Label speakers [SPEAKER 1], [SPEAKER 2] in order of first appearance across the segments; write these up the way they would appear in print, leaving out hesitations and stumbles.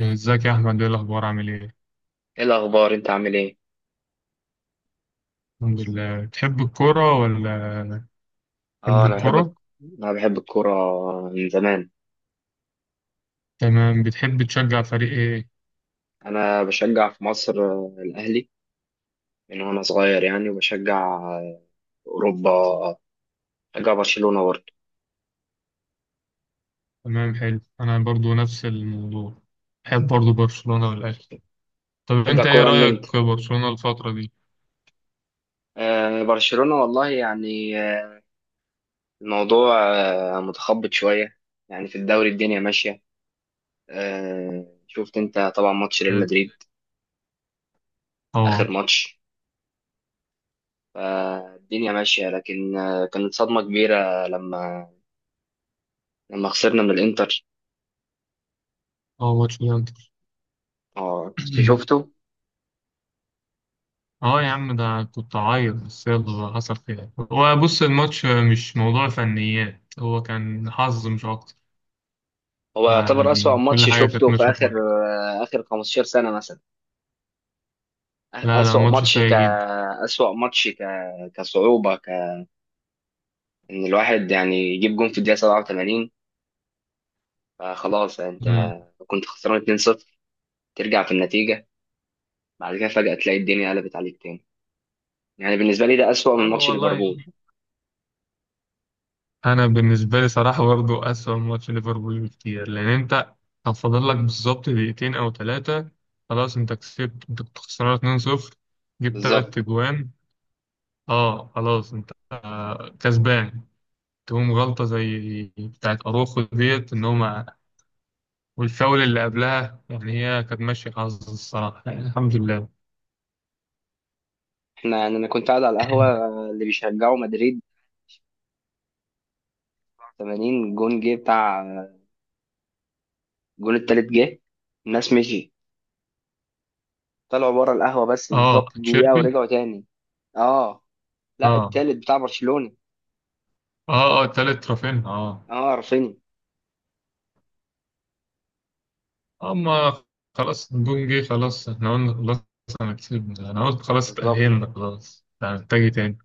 [SPEAKER 1] ازيك يا احمد، ايه الاخبار؟ عامل ايه؟
[SPEAKER 2] ايه الاخبار؟ انت عامل ايه؟
[SPEAKER 1] الحمد لله. بتحب
[SPEAKER 2] اه، انا
[SPEAKER 1] الكوره؟
[SPEAKER 2] انا بحب الكوره من زمان.
[SPEAKER 1] تمام. بتحب تشجع فريق ايه؟
[SPEAKER 2] انا بشجع في مصر الاهلي من وانا صغير، يعني. وبشجع في اوروبا، بشجع برشلونه برضه.
[SPEAKER 1] تمام حلو. انا برضو نفس الموضوع، بحب برضو برشلونه والاهلي. طب
[SPEAKER 2] بشجع
[SPEAKER 1] انت ايه
[SPEAKER 2] كوره من امتى.
[SPEAKER 1] رايك برشلونه الفتره دي؟
[SPEAKER 2] برشلونه، والله يعني. الموضوع متخبط شويه، يعني في الدوري الدنيا ماشيه. شفت انت طبعا ماتش ريال
[SPEAKER 1] حلو.
[SPEAKER 2] مدريد، اخر
[SPEAKER 1] اه.
[SPEAKER 2] ماتش. فالدنيا ماشيه، لكن كانت صدمه كبيره لما خسرنا من الانتر.
[SPEAKER 1] اه، ماتش الانتر.
[SPEAKER 2] اه، انت شفته.
[SPEAKER 1] اه يا عم، ده كنت عايز، بس يلا بقى، حصل خير. هو بص، الماتش مش موضوع فنيات، هو كان حظ مش اكتر.
[SPEAKER 2] هو يعتبر أسوأ
[SPEAKER 1] يعني كل
[SPEAKER 2] ماتش
[SPEAKER 1] حاجه كانت
[SPEAKER 2] شفته في
[SPEAKER 1] ماشيه كويس.
[SPEAKER 2] آخر 15 سنة مثلا.
[SPEAKER 1] لا لا،
[SPEAKER 2] أسوأ
[SPEAKER 1] ماتش
[SPEAKER 2] ماتش ك
[SPEAKER 1] سيء
[SPEAKER 2] أسوأ ماتش ك كصعوبة ك إن الواحد يعني يجيب جون في الدقيقة 87، فخلاص. أنت
[SPEAKER 1] جدا.
[SPEAKER 2] كنت خسران 2-0، ترجع في النتيجة، بعد كده فجأة تلاقي الدنيا قلبت عليك تاني. يعني بالنسبة لي ده أسوأ
[SPEAKER 1] اه
[SPEAKER 2] من ماتش
[SPEAKER 1] والله.
[SPEAKER 2] ليفربول.
[SPEAKER 1] انا بالنسبه لي صراحه برضه اسوأ من ماتش ليفربول بكتير، لان انت كان فاضل لك بالظبط دقيقتين او ثلاثه، خلاص انت كسبت. انت كنت خسران 2-0، جبت ثلاث
[SPEAKER 2] بالظبط.
[SPEAKER 1] تجوان. اه خلاص انت كسبان. تقوم غلطه زي بتاعت اروخو ديت ان هما والفاول اللي قبلها، يعني هي كانت ماشيه حظ الصراحه، يعني الحمد لله.
[SPEAKER 2] احنا يعني أنا كنت قاعد على القهوة اللي بيشجعوا مدريد. 80 جون جه، بتاع الجون التالت جه، الناس مشيت، طلعوا بره القهوه، بس بالظبط
[SPEAKER 1] اه
[SPEAKER 2] دقيقه
[SPEAKER 1] تشيربي.
[SPEAKER 2] ورجعوا تاني. اه. لا،
[SPEAKER 1] اه.
[SPEAKER 2] التالت بتاع برشلونه.
[SPEAKER 1] اه، اه، تالت رافينها، اه.
[SPEAKER 2] اه، رافينيا.
[SPEAKER 1] اما خلاص، نجوم جه خلاص، احنا قلنا خلاص انا كسبنا. انا قلت خلاص
[SPEAKER 2] بالظبط.
[SPEAKER 1] اتأهلنا خلاص، لا محتاج إيه تاني؟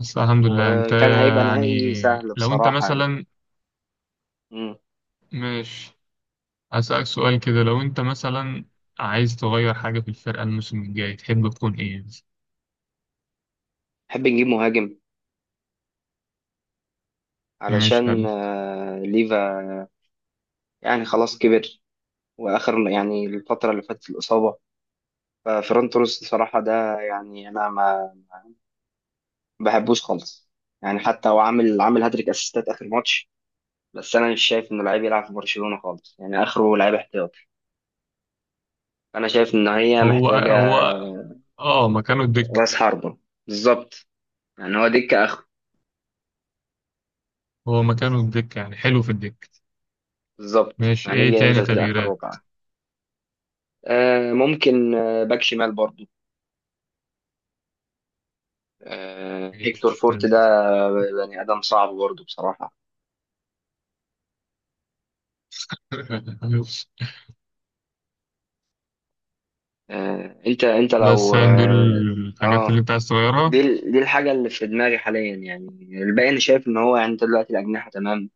[SPEAKER 1] بس الحمد لله. انت
[SPEAKER 2] وكان هيبقى
[SPEAKER 1] يعني
[SPEAKER 2] نهائي سهل
[SPEAKER 1] لو انت
[SPEAKER 2] بصراحه، يعني.
[SPEAKER 1] مثلا
[SPEAKER 2] مم.
[SPEAKER 1] مش هسألك سؤال كده، لو انت مثلا عايز تغير حاجة في الفرقة الموسم الجاي، تحب تكون ايه؟
[SPEAKER 2] نحب نجيب مهاجم
[SPEAKER 1] ماشي
[SPEAKER 2] علشان
[SPEAKER 1] حلو.
[SPEAKER 2] ليفا يعني خلاص كبر، واخر يعني الفتره اللي فاتت الاصابه. ففرونت روس بصراحه، ده يعني انا ما بحبوش خالص. يعني حتى هو عامل هاتريك اسيستات اخر ماتش، بس انا مش شايف انه لعيب يلعب في برشلونه خالص، يعني اخره لعيب احتياط. انا شايف ان هي
[SPEAKER 1] هو
[SPEAKER 2] محتاجه
[SPEAKER 1] هو اه، مكانه الدك.
[SPEAKER 2] راس حربه. بالظبط، يعني هو دكه اخر.
[SPEAKER 1] هو مكانه الدك يعني، حلو في الدك.
[SPEAKER 2] بالظبط،
[SPEAKER 1] ماشي،
[SPEAKER 2] يعني
[SPEAKER 1] ايه
[SPEAKER 2] يجي
[SPEAKER 1] تاني
[SPEAKER 2] ينزل كده اخر
[SPEAKER 1] تغييرات؟
[SPEAKER 2] ربع. ممكن باك شمال برضو، هيكتور
[SPEAKER 1] ماشي حلو.
[SPEAKER 2] فورت ده. آه، بني ادم صعب برضو بصراحه. انت انت
[SPEAKER 1] بس
[SPEAKER 2] لو
[SPEAKER 1] يعني دول الحاجات
[SPEAKER 2] آه،
[SPEAKER 1] اللي انت عايز تغيرها.
[SPEAKER 2] دي الحاجه اللي في دماغي حاليا، يعني. الباقي انا شايف ان هو يعني انت دلوقتي الاجنحه تمام.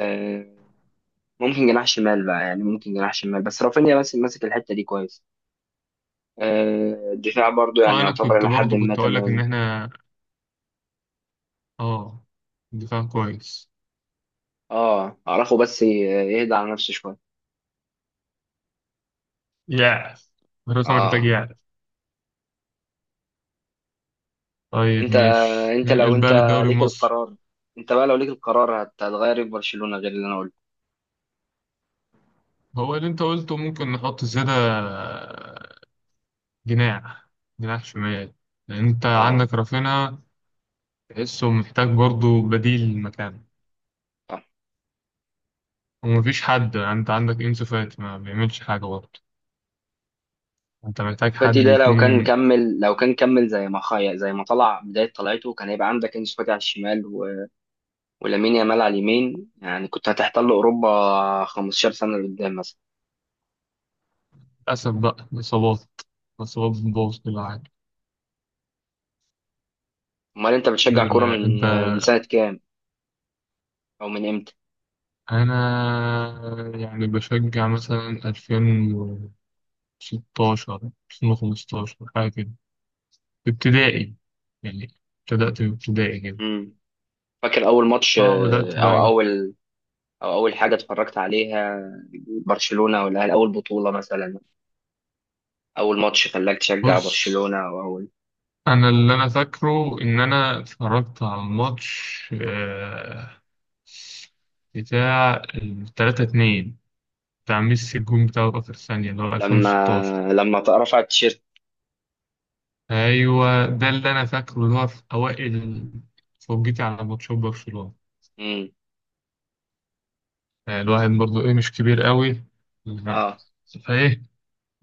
[SPEAKER 2] آه ممكن جناح شمال بقى، يعني ممكن جناح شمال، بس رافينيا بس ماسك الحته دي كويس. الدفاع برضو يعني
[SPEAKER 1] اه، انا
[SPEAKER 2] يعتبر
[SPEAKER 1] كنت
[SPEAKER 2] إلى حد
[SPEAKER 1] برضو
[SPEAKER 2] ما
[SPEAKER 1] كنت اقول لك ان
[SPEAKER 2] تمام.
[SPEAKER 1] احنا اه، دفاع كويس.
[SPEAKER 2] اه، أعرفه بس يهدى على نفسه شوية.
[SPEAKER 1] يعرف، الفرقة محتاج
[SPEAKER 2] اه.
[SPEAKER 1] يعرف. طيب
[SPEAKER 2] انت
[SPEAKER 1] ماشي،
[SPEAKER 2] انت لو
[SPEAKER 1] ننقل
[SPEAKER 2] انت
[SPEAKER 1] بقى للدوري
[SPEAKER 2] ليك
[SPEAKER 1] المصري.
[SPEAKER 2] القرار انت بقى لو ليك القرار، هتغير إيه في برشلونة غير اللي انا قلته؟
[SPEAKER 1] هو اللي انت قلته، ممكن نحط زيادة جناح، جناح شمال، لان انت
[SPEAKER 2] اه،
[SPEAKER 1] عندك رافينا تحسه محتاج برضو بديل مكانه.
[SPEAKER 2] صح.
[SPEAKER 1] ومفيش حد، انت عندك انسو فاتي ما بيعملش حاجة برضو، انت محتاج
[SPEAKER 2] فاتي
[SPEAKER 1] حد
[SPEAKER 2] ده لو كان
[SPEAKER 1] يكون.
[SPEAKER 2] كمل، زي ما خايا، زي ما طلع بداية طلعته، كان هيبقى عندك انسو فاتي على الشمال، و... ولامين يامال على اليمين. يعني كنت هتحتل اوروبا 15 سنة لقدام، مثلا.
[SPEAKER 1] للأسف بقى إصابات، إصابات بتبوظ كل حاجة.
[SPEAKER 2] امال انت
[SPEAKER 1] الحمد
[SPEAKER 2] بتشجع كورة
[SPEAKER 1] لله. انت
[SPEAKER 2] من سنة كام، او من امتى؟
[SPEAKER 1] أنا يعني بشجع مثلا 2016، 2015، حاجة كده، في ابتدائي يعني. ابتدأت في ابتدائي كده.
[SPEAKER 2] مم. فاكر اول ماتش،
[SPEAKER 1] اه، بدأت بقى
[SPEAKER 2] او
[SPEAKER 1] يعني.
[SPEAKER 2] اول حاجه اتفرجت عليها؟ برشلونه، ولا اول بطوله مثلا؟ اول ماتش خلاك تشجع
[SPEAKER 1] بص،
[SPEAKER 2] برشلونه، او اول.
[SPEAKER 1] أنا اللي أنا فاكره إن أنا اتفرجت على الماتش بتاع التلاتة اتنين، بتاع ميسي، الجون بتاعه في آخر ثانية اللي هو
[SPEAKER 2] لما
[SPEAKER 1] 2016.
[SPEAKER 2] رفع التيشيرت.
[SPEAKER 1] أيوه، ده اللي أنا فاكره، اللي هو في أوائل فرجتي على ماتشات برشلونة.
[SPEAKER 2] امم.
[SPEAKER 1] يعني الواحد برضو إيه، مش كبير قوي. لا.
[SPEAKER 2] اه،
[SPEAKER 1] فإيه،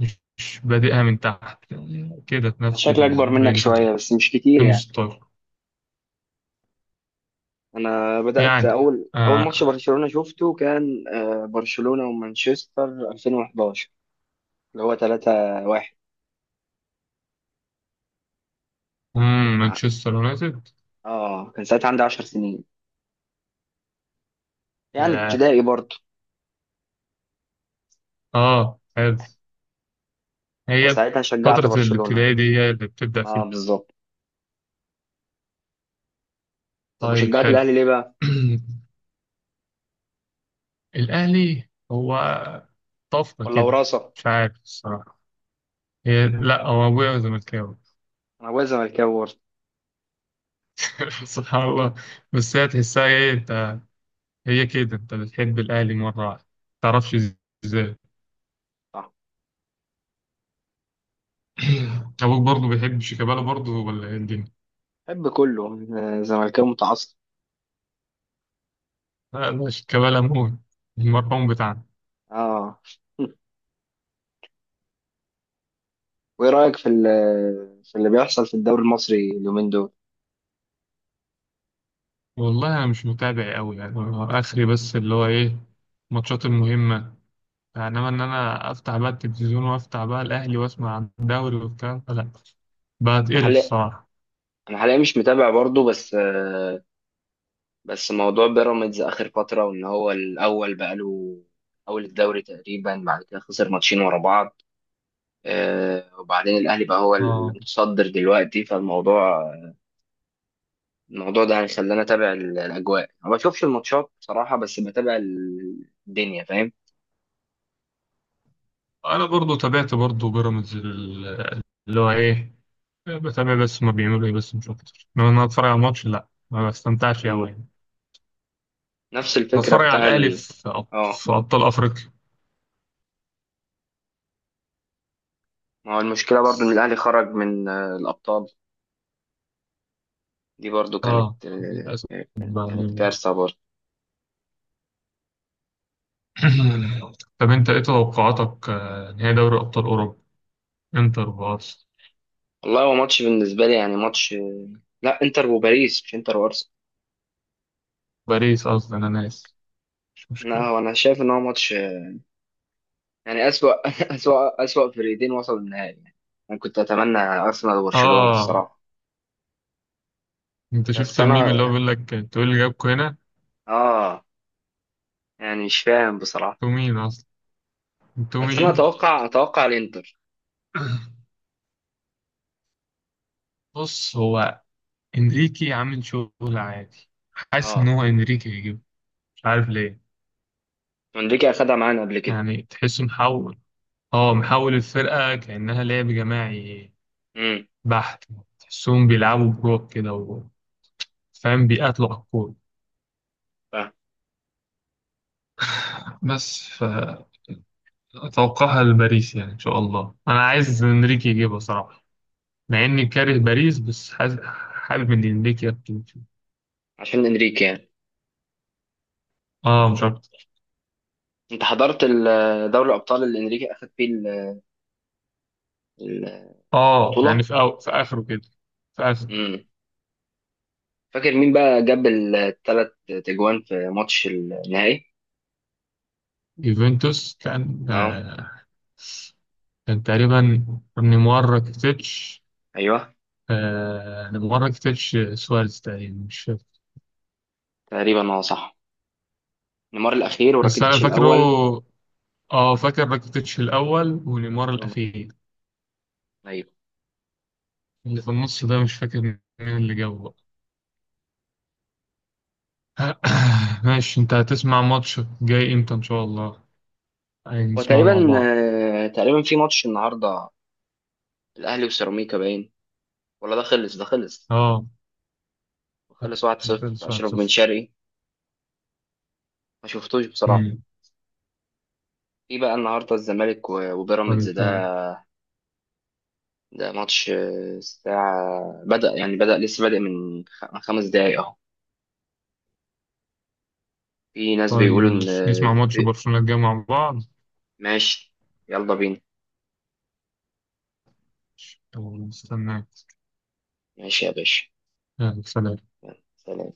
[SPEAKER 1] مش بادئها من تحت يعني، كده في نفس
[SPEAKER 2] شكلي اكبر منك
[SPEAKER 1] الرينج ده،
[SPEAKER 2] شويه بس مش كتير، يعني.
[SPEAKER 1] 2016
[SPEAKER 2] انا بدات
[SPEAKER 1] يعني.
[SPEAKER 2] اول ماتش
[SPEAKER 1] آه.
[SPEAKER 2] برشلونه شفته كان برشلونه ومانشستر 2011، اللي هو 3-1.
[SPEAKER 1] مم،
[SPEAKER 2] كان ع-
[SPEAKER 1] مانشستر يونايتد.
[SPEAKER 2] اه، كان ساعتها عندي 10 سنين، يعني
[SPEAKER 1] ياه.
[SPEAKER 2] ابتدائي برضه.
[SPEAKER 1] اه حلو. هي
[SPEAKER 2] فساعتها شجعت
[SPEAKER 1] فترة
[SPEAKER 2] برشلونه.
[SPEAKER 1] الابتدائي دي هي اللي بتبدأ
[SPEAKER 2] اه،
[SPEAKER 1] فيها.
[SPEAKER 2] بالظبط. طب
[SPEAKER 1] طيب
[SPEAKER 2] وشجعت
[SPEAKER 1] حلو.
[SPEAKER 2] الاهلي ليه بقى،
[SPEAKER 1] الأهلي هو طفرة
[SPEAKER 2] ولا
[SPEAKER 1] كده.
[SPEAKER 2] وراثه؟
[SPEAKER 1] مش عارف الصراحة. هي لا، هو أبويا زملكاوي.
[SPEAKER 2] انا ابويا زملكاوي برضه.
[SPEAKER 1] سبحان الله. بس هي تحسها إيه أنت، هي كده انت بتحب الاهلي مره واحده، تعرفش ازاي.
[SPEAKER 2] صح.
[SPEAKER 1] ابوك برضه بيحب شيكابالا برضه، ولا ايه الدنيا؟
[SPEAKER 2] بحب كله، زملكاوي متعصب.
[SPEAKER 1] لا لا، شيكابالا موت، المرحوم بتاعنا.
[SPEAKER 2] اه. وايه رايك في اللي بيحصل في الدوري المصري اليومين دول؟
[SPEAKER 1] والله انا مش متابع قوي يعني، هو اخري بس اللي هو ايه، الماتشات المهمه. انما ان انا افتح بقى التلفزيون وافتح بقى الاهلي واسمع عن الدوري والكلام ده، لا
[SPEAKER 2] انا
[SPEAKER 1] بتقرف
[SPEAKER 2] حاليا
[SPEAKER 1] الصراحه.
[SPEAKER 2] انا حاليا مش متابع برضه، بس بس موضوع بيراميدز اخر فتره، وان هو الاول بقاله اول الدوري تقريبا، بعد كده خسر ماتشين ورا بعض. وبعدين الاهلي بقى هو
[SPEAKER 1] اه،
[SPEAKER 2] المتصدر دلوقتي. الموضوع ده هيخليني اتابع الاجواء. ما بشوفش الماتشات بصراحه، بس بتابع الدنيا، فاهم.
[SPEAKER 1] انا برضه تابعت برضه بيراميدز اللي هو ايه. بتابع بس ما بيعملوا ايه، بس مش اكتر، انما إن انا اتفرج على الماتش، لا ما بستمتعش
[SPEAKER 2] مم.
[SPEAKER 1] قوي.
[SPEAKER 2] نفس الفكره
[SPEAKER 1] بتفرج على
[SPEAKER 2] بتاع
[SPEAKER 1] الأهلي
[SPEAKER 2] ال...
[SPEAKER 1] في
[SPEAKER 2] اه،
[SPEAKER 1] أبطال أفريقيا.
[SPEAKER 2] ما هو المشكله برضو ان الاهلي خرج من الابطال. دي برضو
[SPEAKER 1] اه،
[SPEAKER 2] كانت
[SPEAKER 1] للأسف
[SPEAKER 2] كانت
[SPEAKER 1] يعني.
[SPEAKER 2] كارثه برضو.
[SPEAKER 1] طب أنت إيه توقعاتك نهائي دوري أبطال أوروبا؟ إنتر وبارس.
[SPEAKER 2] والله هو ماتش بالنسبه لي، يعني ماتش لا، انتر وباريس، مش انتر وارسنال.
[SPEAKER 1] باريس قصدي، أنا ناسي، مش
[SPEAKER 2] لا،
[SPEAKER 1] مشكلة.
[SPEAKER 2] هو انا شايف ان هو ماتش يعني اسوأ اسوأ اسوأ فريقين وصلوا النهائي، يعني. انا كنت اتمنى ارسنال وبرشلونه
[SPEAKER 1] آه،
[SPEAKER 2] الصراحه.
[SPEAKER 1] أنت شفت
[SPEAKER 2] بس
[SPEAKER 1] الميم اللي هو
[SPEAKER 2] انا
[SPEAKER 1] بيقول لك أنتوا إيه اللي جابكوا هنا؟
[SPEAKER 2] اه يعني مش فاهم بصراحه.
[SPEAKER 1] أنتوا مين أصلا؟ أنتوا
[SPEAKER 2] بس انا
[SPEAKER 1] مين؟
[SPEAKER 2] اتوقع الانتر.
[SPEAKER 1] بص، هو إنريكي عامل شغل عادي. حاسس إن
[SPEAKER 2] اه.
[SPEAKER 1] هو إنريكي هيجيبه، مش عارف ليه.
[SPEAKER 2] انريكي اخدها معانا قبل كده.
[SPEAKER 1] يعني تحسه محول. اه، محول الفرقة كأنها لعب جماعي
[SPEAKER 2] امم.
[SPEAKER 1] بحت. تحسهم بيلعبوا بروك كده فاهم، بيقاتلوا على الكورة
[SPEAKER 2] فاهم.
[SPEAKER 1] بس. فأتوقعها لباريس يعني، إن شاء الله. أنا عايز إنريكي يجيبها صراحة، مع إني كاره باريس، بس حابب إن إنريكي يكتب فيه،
[SPEAKER 2] عشان انريكي، يعني.
[SPEAKER 1] آه مش أكتر.
[SPEAKER 2] انت حضرت دوري الابطال اللي انريكي اخد فيه
[SPEAKER 1] آه يعني
[SPEAKER 2] البطوله؟
[SPEAKER 1] في، أو في آخره كده. في آخره.
[SPEAKER 2] امم. فاكر مين بقى جاب ال3 تجوان في ماتش النهائي؟
[SPEAKER 1] يوفنتوس كان
[SPEAKER 2] اه.
[SPEAKER 1] آه، كان تقريبا نيمار راكيتيتش.
[SPEAKER 2] ايوه.
[SPEAKER 1] آه نيمار راكيتيتش سواريز تقريبا، مش فاكر.
[SPEAKER 2] تقريبا، اه، صح. نيمار الاخير
[SPEAKER 1] بس أنا
[SPEAKER 2] وراكيتيتش
[SPEAKER 1] فاكره.
[SPEAKER 2] الاول.
[SPEAKER 1] اه فاكر، راكيتيتش الأول ونيمار
[SPEAKER 2] مم.
[SPEAKER 1] الأخير.
[SPEAKER 2] ايوه.
[SPEAKER 1] اللي في النص ده مش فاكر مين اللي جابه بقى. ماشي، انت هتسمع ماتش جاي امتى ان شاء الله؟ يعني
[SPEAKER 2] هو
[SPEAKER 1] نسمع مع
[SPEAKER 2] تقريبا
[SPEAKER 1] بعض.
[SPEAKER 2] تقريبا في ماتش النهارده الاهلي وسيراميكا، باين ولا ده خلص؟ ده خلص،
[SPEAKER 1] اه
[SPEAKER 2] خلص 1-0،
[SPEAKER 1] الفرنس
[SPEAKER 2] اشرف بن
[SPEAKER 1] 1-0.
[SPEAKER 2] شرقي. ما شفتوش بصراحه.
[SPEAKER 1] مم.
[SPEAKER 2] في بقى النهارده الزمالك وبيراميدز
[SPEAKER 1] طيب
[SPEAKER 2] ده.
[SPEAKER 1] حلو.
[SPEAKER 2] ده ماتش الساعة بدأ، يعني لسه بادئ من من 5 دقايق اهو. في ناس
[SPEAKER 1] طيب
[SPEAKER 2] بيقولوا ان
[SPEAKER 1] ماشي، نسمع ماتش برشلونة الجاي مع بعض.
[SPEAKER 2] ماشي. يلا بينا.
[SPEAKER 1] يلا، نستناك.
[SPEAKER 2] ماشي يا باشا.
[SPEAKER 1] يلا، سلام.
[SPEAKER 2] يلا سلام.